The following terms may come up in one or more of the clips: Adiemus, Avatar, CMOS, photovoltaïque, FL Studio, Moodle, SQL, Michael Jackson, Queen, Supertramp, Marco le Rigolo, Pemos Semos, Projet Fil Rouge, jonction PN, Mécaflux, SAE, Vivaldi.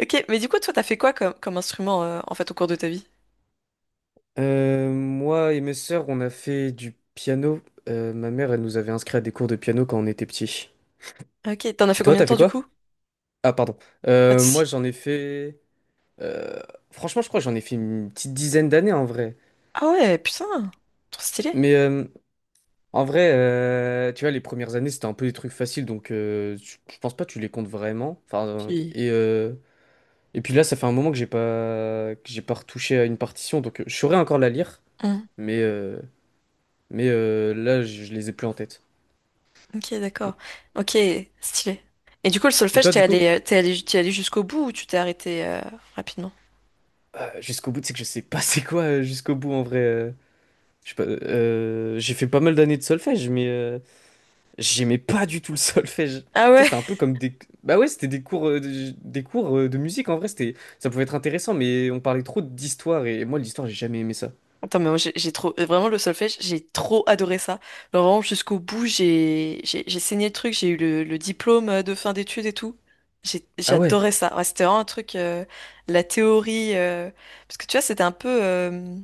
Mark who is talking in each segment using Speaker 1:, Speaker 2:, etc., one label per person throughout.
Speaker 1: Ok, mais du coup, toi, t'as fait quoi comme instrument en fait au cours de ta vie?
Speaker 2: Moi et mes sœurs, on a fait du piano. Ma mère, elle nous avait inscrits à des cours de piano quand on était petits.
Speaker 1: Ok, t'en as fait
Speaker 2: Toi,
Speaker 1: combien de
Speaker 2: t'as fait
Speaker 1: temps du
Speaker 2: quoi?
Speaker 1: coup?
Speaker 2: Ah, pardon.
Speaker 1: Pas de
Speaker 2: Moi,
Speaker 1: soucis.
Speaker 2: j'en ai fait. euh, Franchement, je crois que j'en ai fait une petite dizaine d'années en vrai.
Speaker 1: Ah ouais, putain, trop stylé.
Speaker 2: Mais en vrai, tu vois, les premières années, c'était un peu des trucs faciles, donc je pense pas que tu les comptes vraiment. Enfin,
Speaker 1: Tu-
Speaker 2: et puis là, ça fait un moment que j'ai pas retouché à une partition, donc je saurais encore la lire,
Speaker 1: Hmm.
Speaker 2: mais euh, mais là, je les ai plus en tête.
Speaker 1: Ok, d'accord. Ok, stylé. Et du coup, le
Speaker 2: Et
Speaker 1: solfège,
Speaker 2: toi,
Speaker 1: t'es
Speaker 2: du coup?
Speaker 1: allé, euh, t'es allé, t'es allé jusqu'au bout ou tu t'es arrêté rapidement?
Speaker 2: Bah, jusqu'au bout, c'est que je sais pas c'est quoi jusqu'au bout en vrai. Je sais pas, j'ai fait pas mal d'années de solfège, mais j'aimais pas du tout le solfège.
Speaker 1: Ah
Speaker 2: Tu sais,
Speaker 1: ouais,
Speaker 2: c'était un peu comme des. Bah ouais, c'était des cours, des cours de musique en vrai, c'était. Ça pouvait être intéressant, mais on parlait trop d'histoire et moi, l'histoire, j'ai jamais aimé ça.
Speaker 1: attends, mais moi, j'ai trop, vraiment le solfège, j'ai trop adoré ça. Genre vraiment jusqu'au bout, j'ai saigné le truc, j'ai eu le diplôme de fin d'études et tout.
Speaker 2: Ah ouais,
Speaker 1: J'adorais ça. Ouais, c'était vraiment un truc, la théorie, parce que tu vois, c'était un peu,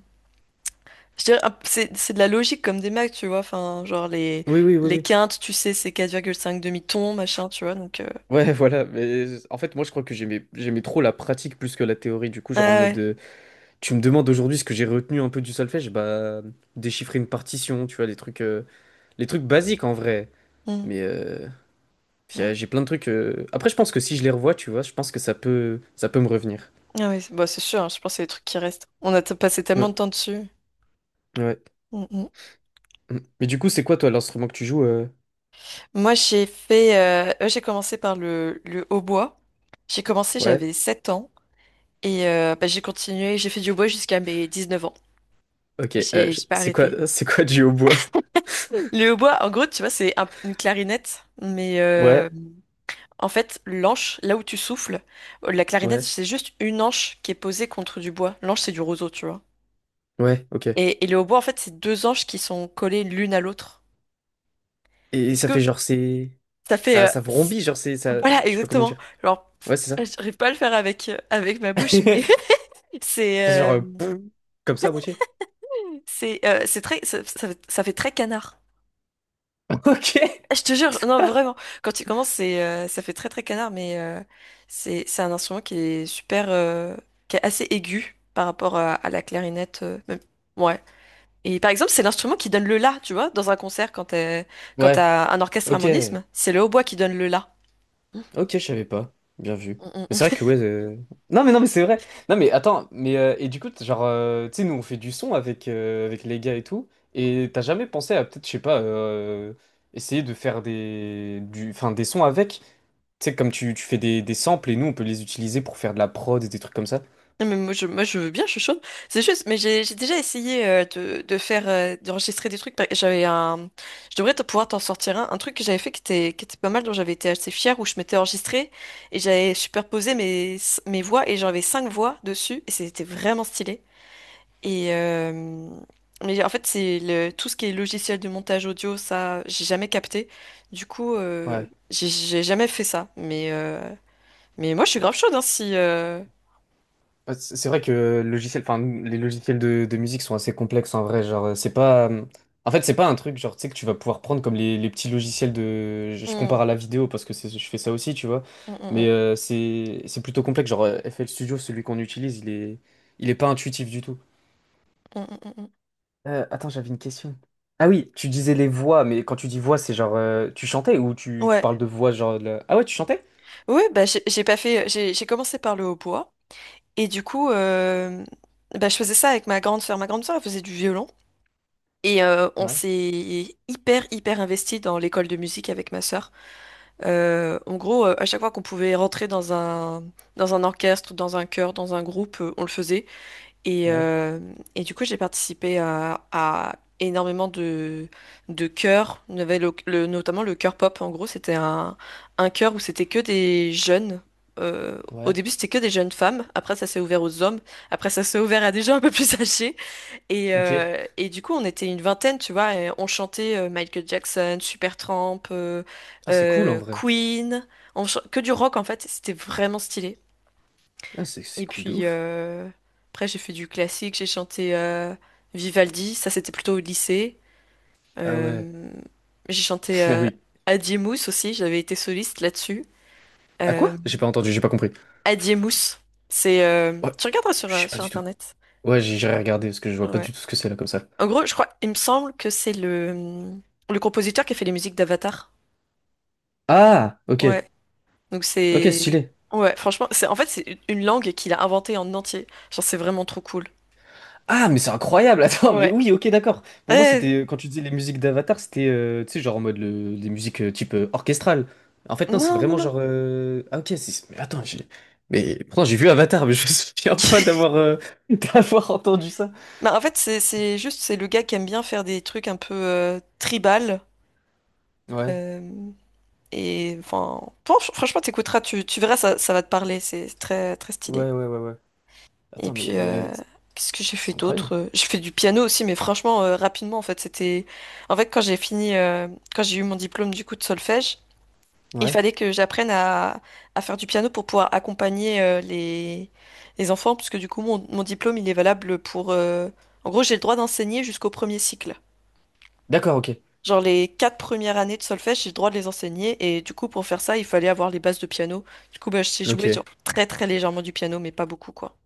Speaker 1: je dirais, c'est de la logique comme des maths, tu vois. Enfin, genre
Speaker 2: oui, oui, oui,
Speaker 1: les
Speaker 2: oui.
Speaker 1: quintes, tu sais, c'est 4,5 demi-tons, machin, tu vois. Donc,
Speaker 2: Ouais, voilà, mais en fait, moi, je crois que j'aimais trop la pratique plus que la théorie. Du coup,
Speaker 1: ah
Speaker 2: genre en mode,
Speaker 1: ouais.
Speaker 2: tu me demandes aujourd'hui ce que j'ai retenu un peu du solfège, bah, déchiffrer une partition, tu vois, les trucs basiques en vrai.
Speaker 1: Mm,
Speaker 2: Mais puis,
Speaker 1: mm.
Speaker 2: j'ai plein de trucs. Après, je pense que si je les revois, tu vois, je pense que ça peut me revenir.
Speaker 1: Ah oui, c'est bah, c'est sûr, hein, je pense que c'est les trucs qui restent. On a passé tellement
Speaker 2: Ouais,
Speaker 1: de temps dessus.
Speaker 2: ouais.
Speaker 1: Mm, mm.
Speaker 2: Mm. Mais du coup, c'est quoi toi l'instrument que tu joues?
Speaker 1: Moi, j'ai commencé par le hautbois. J'ai commencé,
Speaker 2: Ouais.
Speaker 1: j'avais 7 ans et bah, j'ai continué, j'ai fait du hautbois jusqu'à mes 19 ans.
Speaker 2: Ok.
Speaker 1: J'ai, j'ai pas
Speaker 2: C'est quoi,
Speaker 1: arrêté.
Speaker 2: c'est quoi du hautbois?
Speaker 1: Le hautbois, en gros, tu vois, c'est une clarinette, mais
Speaker 2: Ouais,
Speaker 1: en fait, l'anche, là où tu souffles, la clarinette,
Speaker 2: ouais,
Speaker 1: c'est juste une anche qui est posée contre du bois. L'anche, c'est du roseau, tu vois.
Speaker 2: ouais. Ok.
Speaker 1: Et le hautbois, en fait, c'est deux anches qui sont collées l'une à l'autre.
Speaker 2: Et
Speaker 1: Du
Speaker 2: ça
Speaker 1: coup,
Speaker 2: fait genre c'est,
Speaker 1: ça fait,
Speaker 2: ça, ça vrombit, genre c'est, ça,
Speaker 1: voilà,
Speaker 2: je sais pas comment
Speaker 1: exactement.
Speaker 2: dire.
Speaker 1: Alors,
Speaker 2: Ouais, c'est ça.
Speaker 1: pff, j'arrive pas à le faire avec ma bouche, mais C'est
Speaker 2: C'est genre
Speaker 1: euh,
Speaker 2: pff, comme ça, à moitié.
Speaker 1: c'est très, ça fait très canard.
Speaker 2: Ok.
Speaker 1: Ah, je te jure, non vraiment. Quand tu commences, c'est ça fait très très canard, mais c'est un instrument qui est super, qui est assez aigu par rapport à la clarinette, même. Ouais. Et par exemple, c'est l'instrument qui donne le la, tu vois, dans un concert quand
Speaker 2: Ouais.
Speaker 1: t'as un orchestre
Speaker 2: Ok.
Speaker 1: harmonisme, c'est le hautbois qui donne le la.
Speaker 2: Ok, je savais pas. Bien vu. Mais c'est vrai que ouais. Non mais non mais c'est vrai. Non mais attends, mais et du coup, genre, tu sais, nous on fait du son avec, avec les gars et tout, et t'as jamais pensé à peut-être, je sais pas, essayer de faire enfin, des sons avec. Tu sais, comme tu fais des samples et nous on peut les utiliser pour faire de la prod et des trucs comme ça.
Speaker 1: Non, mais moi je veux bien, je suis chaude. C'est juste, mais j'ai déjà essayé de faire d'enregistrer des trucs. J'avais un, je devrais te pouvoir t'en sortir un truc que j'avais fait qui était pas mal, dont j'avais été assez fière, où je m'étais enregistrée et j'avais superposé mes voix et j'avais cinq voix dessus et c'était vraiment stylé. Et mais en fait c'est le tout ce qui est logiciel de montage audio, ça j'ai jamais capté. Du coup
Speaker 2: Ouais.
Speaker 1: j'ai jamais fait ça. Mais moi je suis grave chaude hein, si...
Speaker 2: Ouais, c'est vrai que le logiciel, enfin, les logiciels de musique sont assez complexes en vrai. Genre, c'est pas. En fait, c'est pas un truc, genre, tu sais, que tu vas pouvoir prendre comme les petits logiciels de. Je
Speaker 1: Mm,
Speaker 2: compare à la vidéo parce que je fais ça aussi, tu vois.
Speaker 1: mm, mm,
Speaker 2: Mais
Speaker 1: mm.
Speaker 2: c'est plutôt complexe. Genre, FL Studio, celui qu'on utilise, il est pas intuitif du tout.
Speaker 1: Mm, mm, mm, mm.
Speaker 2: Attends, j'avais une question. Ah oui, tu disais les voix, mais quand tu dis voix, c'est genre. Tu chantais ou tu
Speaker 1: Ouais,
Speaker 2: parles de voix, genre. Ah ouais, tu chantais?
Speaker 1: ouais, bah j'ai pas fait, j'ai commencé par le hautbois et du coup, bah, je faisais ça avec ma grande sœur. Ma grande sœur, elle faisait du violon et on
Speaker 2: Ouais,
Speaker 1: s'est hyper hyper investi dans l'école de musique avec ma sœur. En gros, à chaque fois qu'on pouvait rentrer dans un orchestre, dans un chœur, dans un groupe, on le faisait. Et,
Speaker 2: ouais,
Speaker 1: euh, et du coup, j'ai participé à énormément de chœurs. Il y avait notamment le chœur pop. En gros, c'était un chœur où c'était que des jeunes. Euh, au
Speaker 2: ouais.
Speaker 1: début, c'était que des jeunes femmes. Après, ça s'est ouvert aux hommes. Après, ça s'est ouvert à des gens un peu plus âgés. Et,
Speaker 2: Ok.
Speaker 1: euh, et du coup, on était une vingtaine, tu vois, et on chantait Michael Jackson, Supertramp,
Speaker 2: Ah, c'est cool en vrai.
Speaker 1: Queen. Que du rock, en fait. C'était vraiment stylé.
Speaker 2: Ah, c'est
Speaker 1: Et
Speaker 2: cool de
Speaker 1: puis
Speaker 2: ouf.
Speaker 1: après, j'ai fait du classique, j'ai chanté Vivaldi, ça c'était plutôt au lycée.
Speaker 2: Ah ouais.
Speaker 1: Euh, j'ai chanté
Speaker 2: Ah oui.
Speaker 1: Adiemus aussi, j'avais été soliste là-dessus.
Speaker 2: À quoi?
Speaker 1: Euh,
Speaker 2: J'ai pas entendu, j'ai pas compris.
Speaker 1: Adiemus, c'est...
Speaker 2: Ouais,
Speaker 1: tu regarderas sur,
Speaker 2: je
Speaker 1: euh,
Speaker 2: sais pas
Speaker 1: sur
Speaker 2: du tout.
Speaker 1: Internet.
Speaker 2: Ouais, j'irai regarder parce que je vois pas
Speaker 1: Ouais.
Speaker 2: du tout ce que c'est là comme ça.
Speaker 1: En gros, je crois, il me semble que c'est le compositeur qui a fait les musiques d'Avatar.
Speaker 2: Ah, ok.
Speaker 1: Ouais. Donc
Speaker 2: Ok,
Speaker 1: c'est...
Speaker 2: stylé.
Speaker 1: Ouais, franchement, c'est en fait, c'est une langue qu'il a inventée en entier. Genre, c'est vraiment trop cool.
Speaker 2: Ah, mais c'est incroyable. Attends, mais
Speaker 1: Ouais.
Speaker 2: oui, ok, d'accord. Pour moi,
Speaker 1: Eh,
Speaker 2: c'était quand tu disais les musiques d'Avatar, c'était tu sais genre en mode des musiques type orchestrale. En fait, non, c'est
Speaker 1: non, non,
Speaker 2: vraiment
Speaker 1: non.
Speaker 2: genre ah ok, mais attends, j'ai mais pourtant j'ai vu Avatar, mais je me souviens pas d'avoir d'avoir entendu ça.
Speaker 1: Bah, en fait, c'est juste, c'est le gars qui aime bien faire des trucs un peu tribal.
Speaker 2: Ouais.
Speaker 1: euh, et enfin, franchement, t'écouteras, tu verras, ça va te parler. C'est très, très stylé.
Speaker 2: Ouais, ouais, ouais, ouais.
Speaker 1: Et
Speaker 2: Attends,
Speaker 1: puis,
Speaker 2: mais
Speaker 1: qu'est-ce que j'ai fait
Speaker 2: c'est
Speaker 1: d'autre?
Speaker 2: incroyable.
Speaker 1: J'ai fait du piano aussi, mais franchement, rapidement, en fait, c'était. En fait, quand j'ai fini, quand j'ai eu mon diplôme du coup de solfège, il
Speaker 2: Ouais.
Speaker 1: fallait que j'apprenne à faire du piano pour pouvoir accompagner les enfants, puisque du coup, mon diplôme, il est valable pour. En gros, j'ai le droit d'enseigner jusqu'au premier cycle.
Speaker 2: D'accord, ok.
Speaker 1: Genre les quatre premières années de solfège, j'ai le droit de les enseigner et du coup pour faire ça, il fallait avoir les bases de piano. Du coup, bah, je sais jouer genre
Speaker 2: Ok.
Speaker 1: très très légèrement du piano, mais pas beaucoup quoi.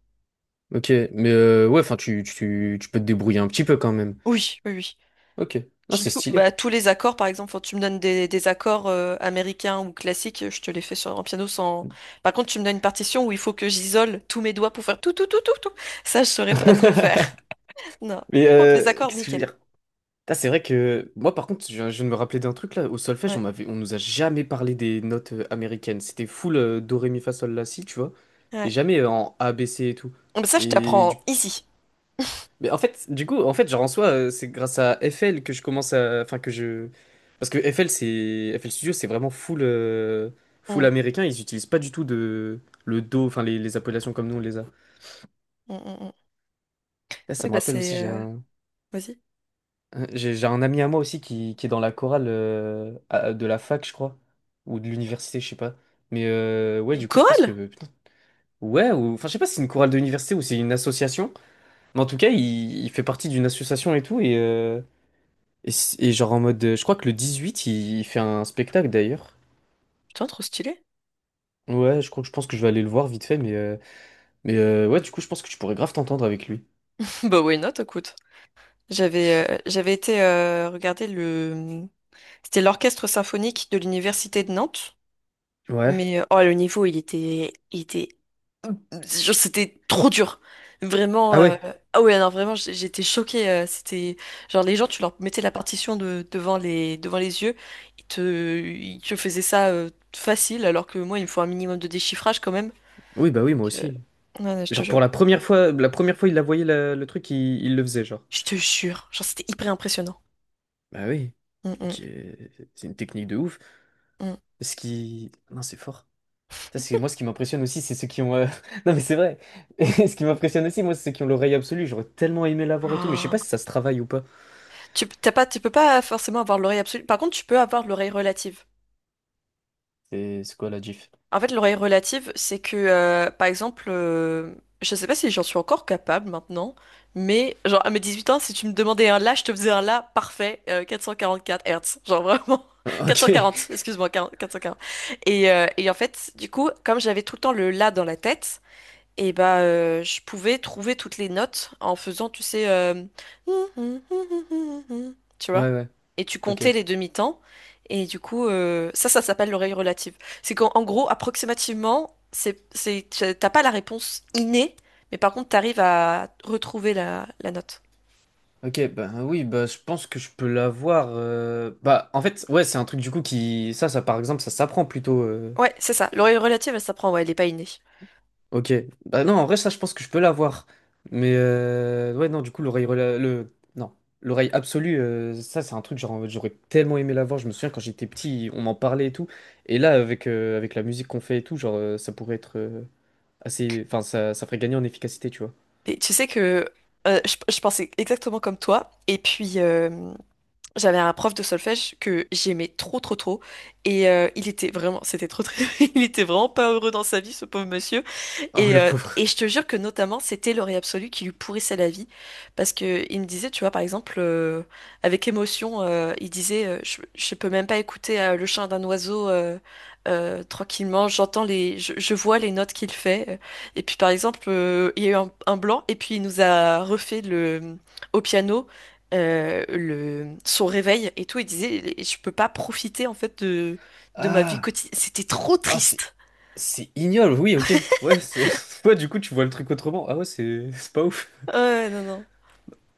Speaker 2: Ok, mais ouais, enfin, tu peux te débrouiller un petit peu quand même.
Speaker 1: Oui, oui, oui.
Speaker 2: Ok, non, c'est stylé.
Speaker 1: Bah, tous les accords, par exemple, quand tu me donnes des accords américains ou classiques, je te les fais sur un piano sans. Par contre, tu me donnes une partition où il faut que j'isole tous mes doigts pour faire tout tout tout tout tout. Ça, je saurais pas trop faire. Non.
Speaker 2: Mais
Speaker 1: Par contre, les accords,
Speaker 2: qu'est-ce que je veux
Speaker 1: nickel.
Speaker 2: dire? Putain, c'est vrai que moi, par contre, je viens de me rappeler d'un truc là. Au solfège,
Speaker 1: Ouais,
Speaker 2: on nous a jamais parlé des notes américaines. C'était full do, ré, mi, fa, sol, la, si, tu vois. Et
Speaker 1: ouais.
Speaker 2: jamais en A, B, C et tout.
Speaker 1: Mais ça, je
Speaker 2: Et du
Speaker 1: t'apprends ici.
Speaker 2: Mais en fait, du coup, en fait, genre en soi, c'est grâce à FL que je commence à, enfin parce que FL c'est FL Studio, c'est vraiment full, full
Speaker 1: Mm,
Speaker 2: américain. Ils utilisent pas du tout de le dos enfin les appellations comme nous on les a.
Speaker 1: mm, mm, mm.
Speaker 2: Là, ça
Speaker 1: Oui,
Speaker 2: me
Speaker 1: bah
Speaker 2: rappelle
Speaker 1: c'est.
Speaker 2: aussi, j'ai un,
Speaker 1: Vas-y.
Speaker 2: un- j'ai j'ai un ami à moi aussi qui est dans la chorale de la fac, je crois, ou de l'université, je sais pas. Mais ouais,
Speaker 1: Une
Speaker 2: du coup, je pense que
Speaker 1: chorale?
Speaker 2: putain, ouais, ou enfin, je sais pas si c'est une chorale de l'université ou c'est une association, mais en tout cas, il fait partie d'une association et tout et. Et, genre en mode, je crois que le 18, il fait un spectacle d'ailleurs.
Speaker 1: Putain, trop stylé.
Speaker 2: Ouais, je crois que je pense que je vais aller le voir vite fait, mais ouais, du coup, je pense que tu pourrais grave t'entendre avec lui.
Speaker 1: Bah why not, écoute. J'avais été regarder le c'était l'orchestre symphonique de l'université de Nantes,
Speaker 2: Ouais.
Speaker 1: mais oh le niveau il était genre, c'était trop dur. Vraiment,
Speaker 2: Ah ouais.
Speaker 1: ah ouais non vraiment j'étais choquée, c'était genre les gens tu leur mettais la partition devant les yeux, ils te faisaient ça facile alors que moi il me faut un minimum de déchiffrage quand même.
Speaker 2: Oui, bah
Speaker 1: Donc,
Speaker 2: oui, moi aussi.
Speaker 1: ouais, ouais, je te
Speaker 2: Genre pour
Speaker 1: jure.
Speaker 2: la première fois, il la voyait le truc, il le faisait, genre.
Speaker 1: Je te jure. Genre, c'était hyper impressionnant.
Speaker 2: Bah oui.
Speaker 1: Mm,
Speaker 2: Et
Speaker 1: mm,
Speaker 2: qui est- c'est une technique de ouf.
Speaker 1: mm.
Speaker 2: Ce qui, non, c'est fort. Ça, c'est moi ce qui m'impressionne aussi, c'est ceux qui ont. Non mais c'est vrai. Ce qui m'impressionne aussi, moi, c'est ceux qui ont l'oreille absolue. J'aurais tellement aimé l'avoir et tout, mais je sais
Speaker 1: Oh.
Speaker 2: pas si ça se travaille ou pas.
Speaker 1: T'as pas, tu peux pas forcément avoir l'oreille absolue. Par contre, tu peux avoir l'oreille relative.
Speaker 2: C'est quoi la gif?
Speaker 1: En fait, l'oreille relative, c'est que, par exemple, je sais pas si j'en suis encore capable maintenant, mais genre à mes 18 ans, si tu me demandais un la, je te faisais un la parfait, 444 Hertz. Genre vraiment.
Speaker 2: Ok.
Speaker 1: 440, excuse-moi, 40 440. Et en fait, du coup, comme j'avais tout le temps le la dans la tête, et bah, je pouvais trouver toutes les notes en faisant, tu sais, tu vois.
Speaker 2: Ouais, ouais.
Speaker 1: Et tu
Speaker 2: Ok,
Speaker 1: comptais les demi-temps. Et du coup, ça, ça s'appelle l'oreille relative. C'est qu'en en gros, approximativement, t'as pas la réponse innée, mais par contre, t'arrives à retrouver la note.
Speaker 2: ok, bah oui, bah je pense que je peux l'avoir. Bah en fait, ouais, c'est un truc du coup qui. Ça par exemple, ça s'apprend plutôt.
Speaker 1: Ouais, c'est ça. L'oreille relative, elle s'apprend, ouais, elle est pas innée.
Speaker 2: Ok, bah non, en vrai, ça, je pense que je peux l'avoir. Mais ouais, non, du coup, Non, l'oreille absolue, ça, c'est un truc, genre, j'aurais tellement aimé l'avoir. Je me souviens quand j'étais petit, on m'en parlait et tout. Et là, avec la musique qu'on fait et tout, genre, ça pourrait être assez. Enfin, ça ferait gagner en efficacité, tu vois.
Speaker 1: Et tu sais que je pensais exactement comme toi. Et puis, j'avais un prof de solfège que j'aimais trop trop trop et il était vraiment c'était trop très il était vraiment pas heureux dans sa vie ce pauvre monsieur
Speaker 2: Oh,
Speaker 1: et,
Speaker 2: le
Speaker 1: euh,
Speaker 2: pauvre.
Speaker 1: et je te jure que notamment, c'était l'oreille absolue qui lui pourrissait la vie. Parce que il me disait, tu vois, par exemple, avec émotion, il disait, je peux même pas écouter le chant d'un oiseau, tranquillement, j'entends les, je vois les notes qu'il fait. Et puis, par exemple, il y a eu un blanc, et puis il nous a refait le, au piano. Le, son réveil et tout, il disait, je peux pas profiter en fait de ma vie
Speaker 2: Ah!
Speaker 1: quotidienne. C'était trop
Speaker 2: Ah, c'est.
Speaker 1: triste.
Speaker 2: C'est ignoble, oui, ok. Ouais, c'est. Ouais, du coup, tu vois le truc autrement. Ah ouais, c'est c'est pas ouf.
Speaker 1: Ouais, ouais, non, non.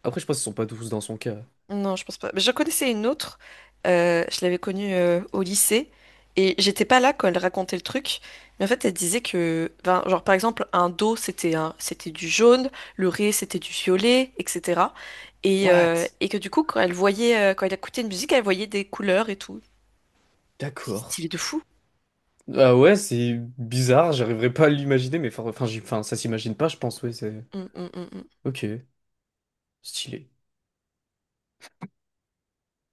Speaker 2: Après, je pense qu'ils sont pas tous dans son cas.
Speaker 1: Non, je pense pas. Mais j'en connaissais une autre. Je l'avais connue au lycée et j'étais pas là quand elle racontait le truc. Mais en fait, elle disait que, ben, genre par exemple, un do c'était c'était du jaune, le ré c'était du violet, etc. Et, euh,
Speaker 2: What?
Speaker 1: et que du coup, quand elle écoutait une musique, elle voyait des couleurs et tout. C'est
Speaker 2: D'accord.
Speaker 1: stylé de fou.
Speaker 2: Ah ouais, c'est bizarre, j'arriverai pas à l'imaginer, mais enfin, enfin, ça s'imagine pas, je pense, ouais, c'est.
Speaker 1: Mm, mm, mm, mm.
Speaker 2: Ok, stylé.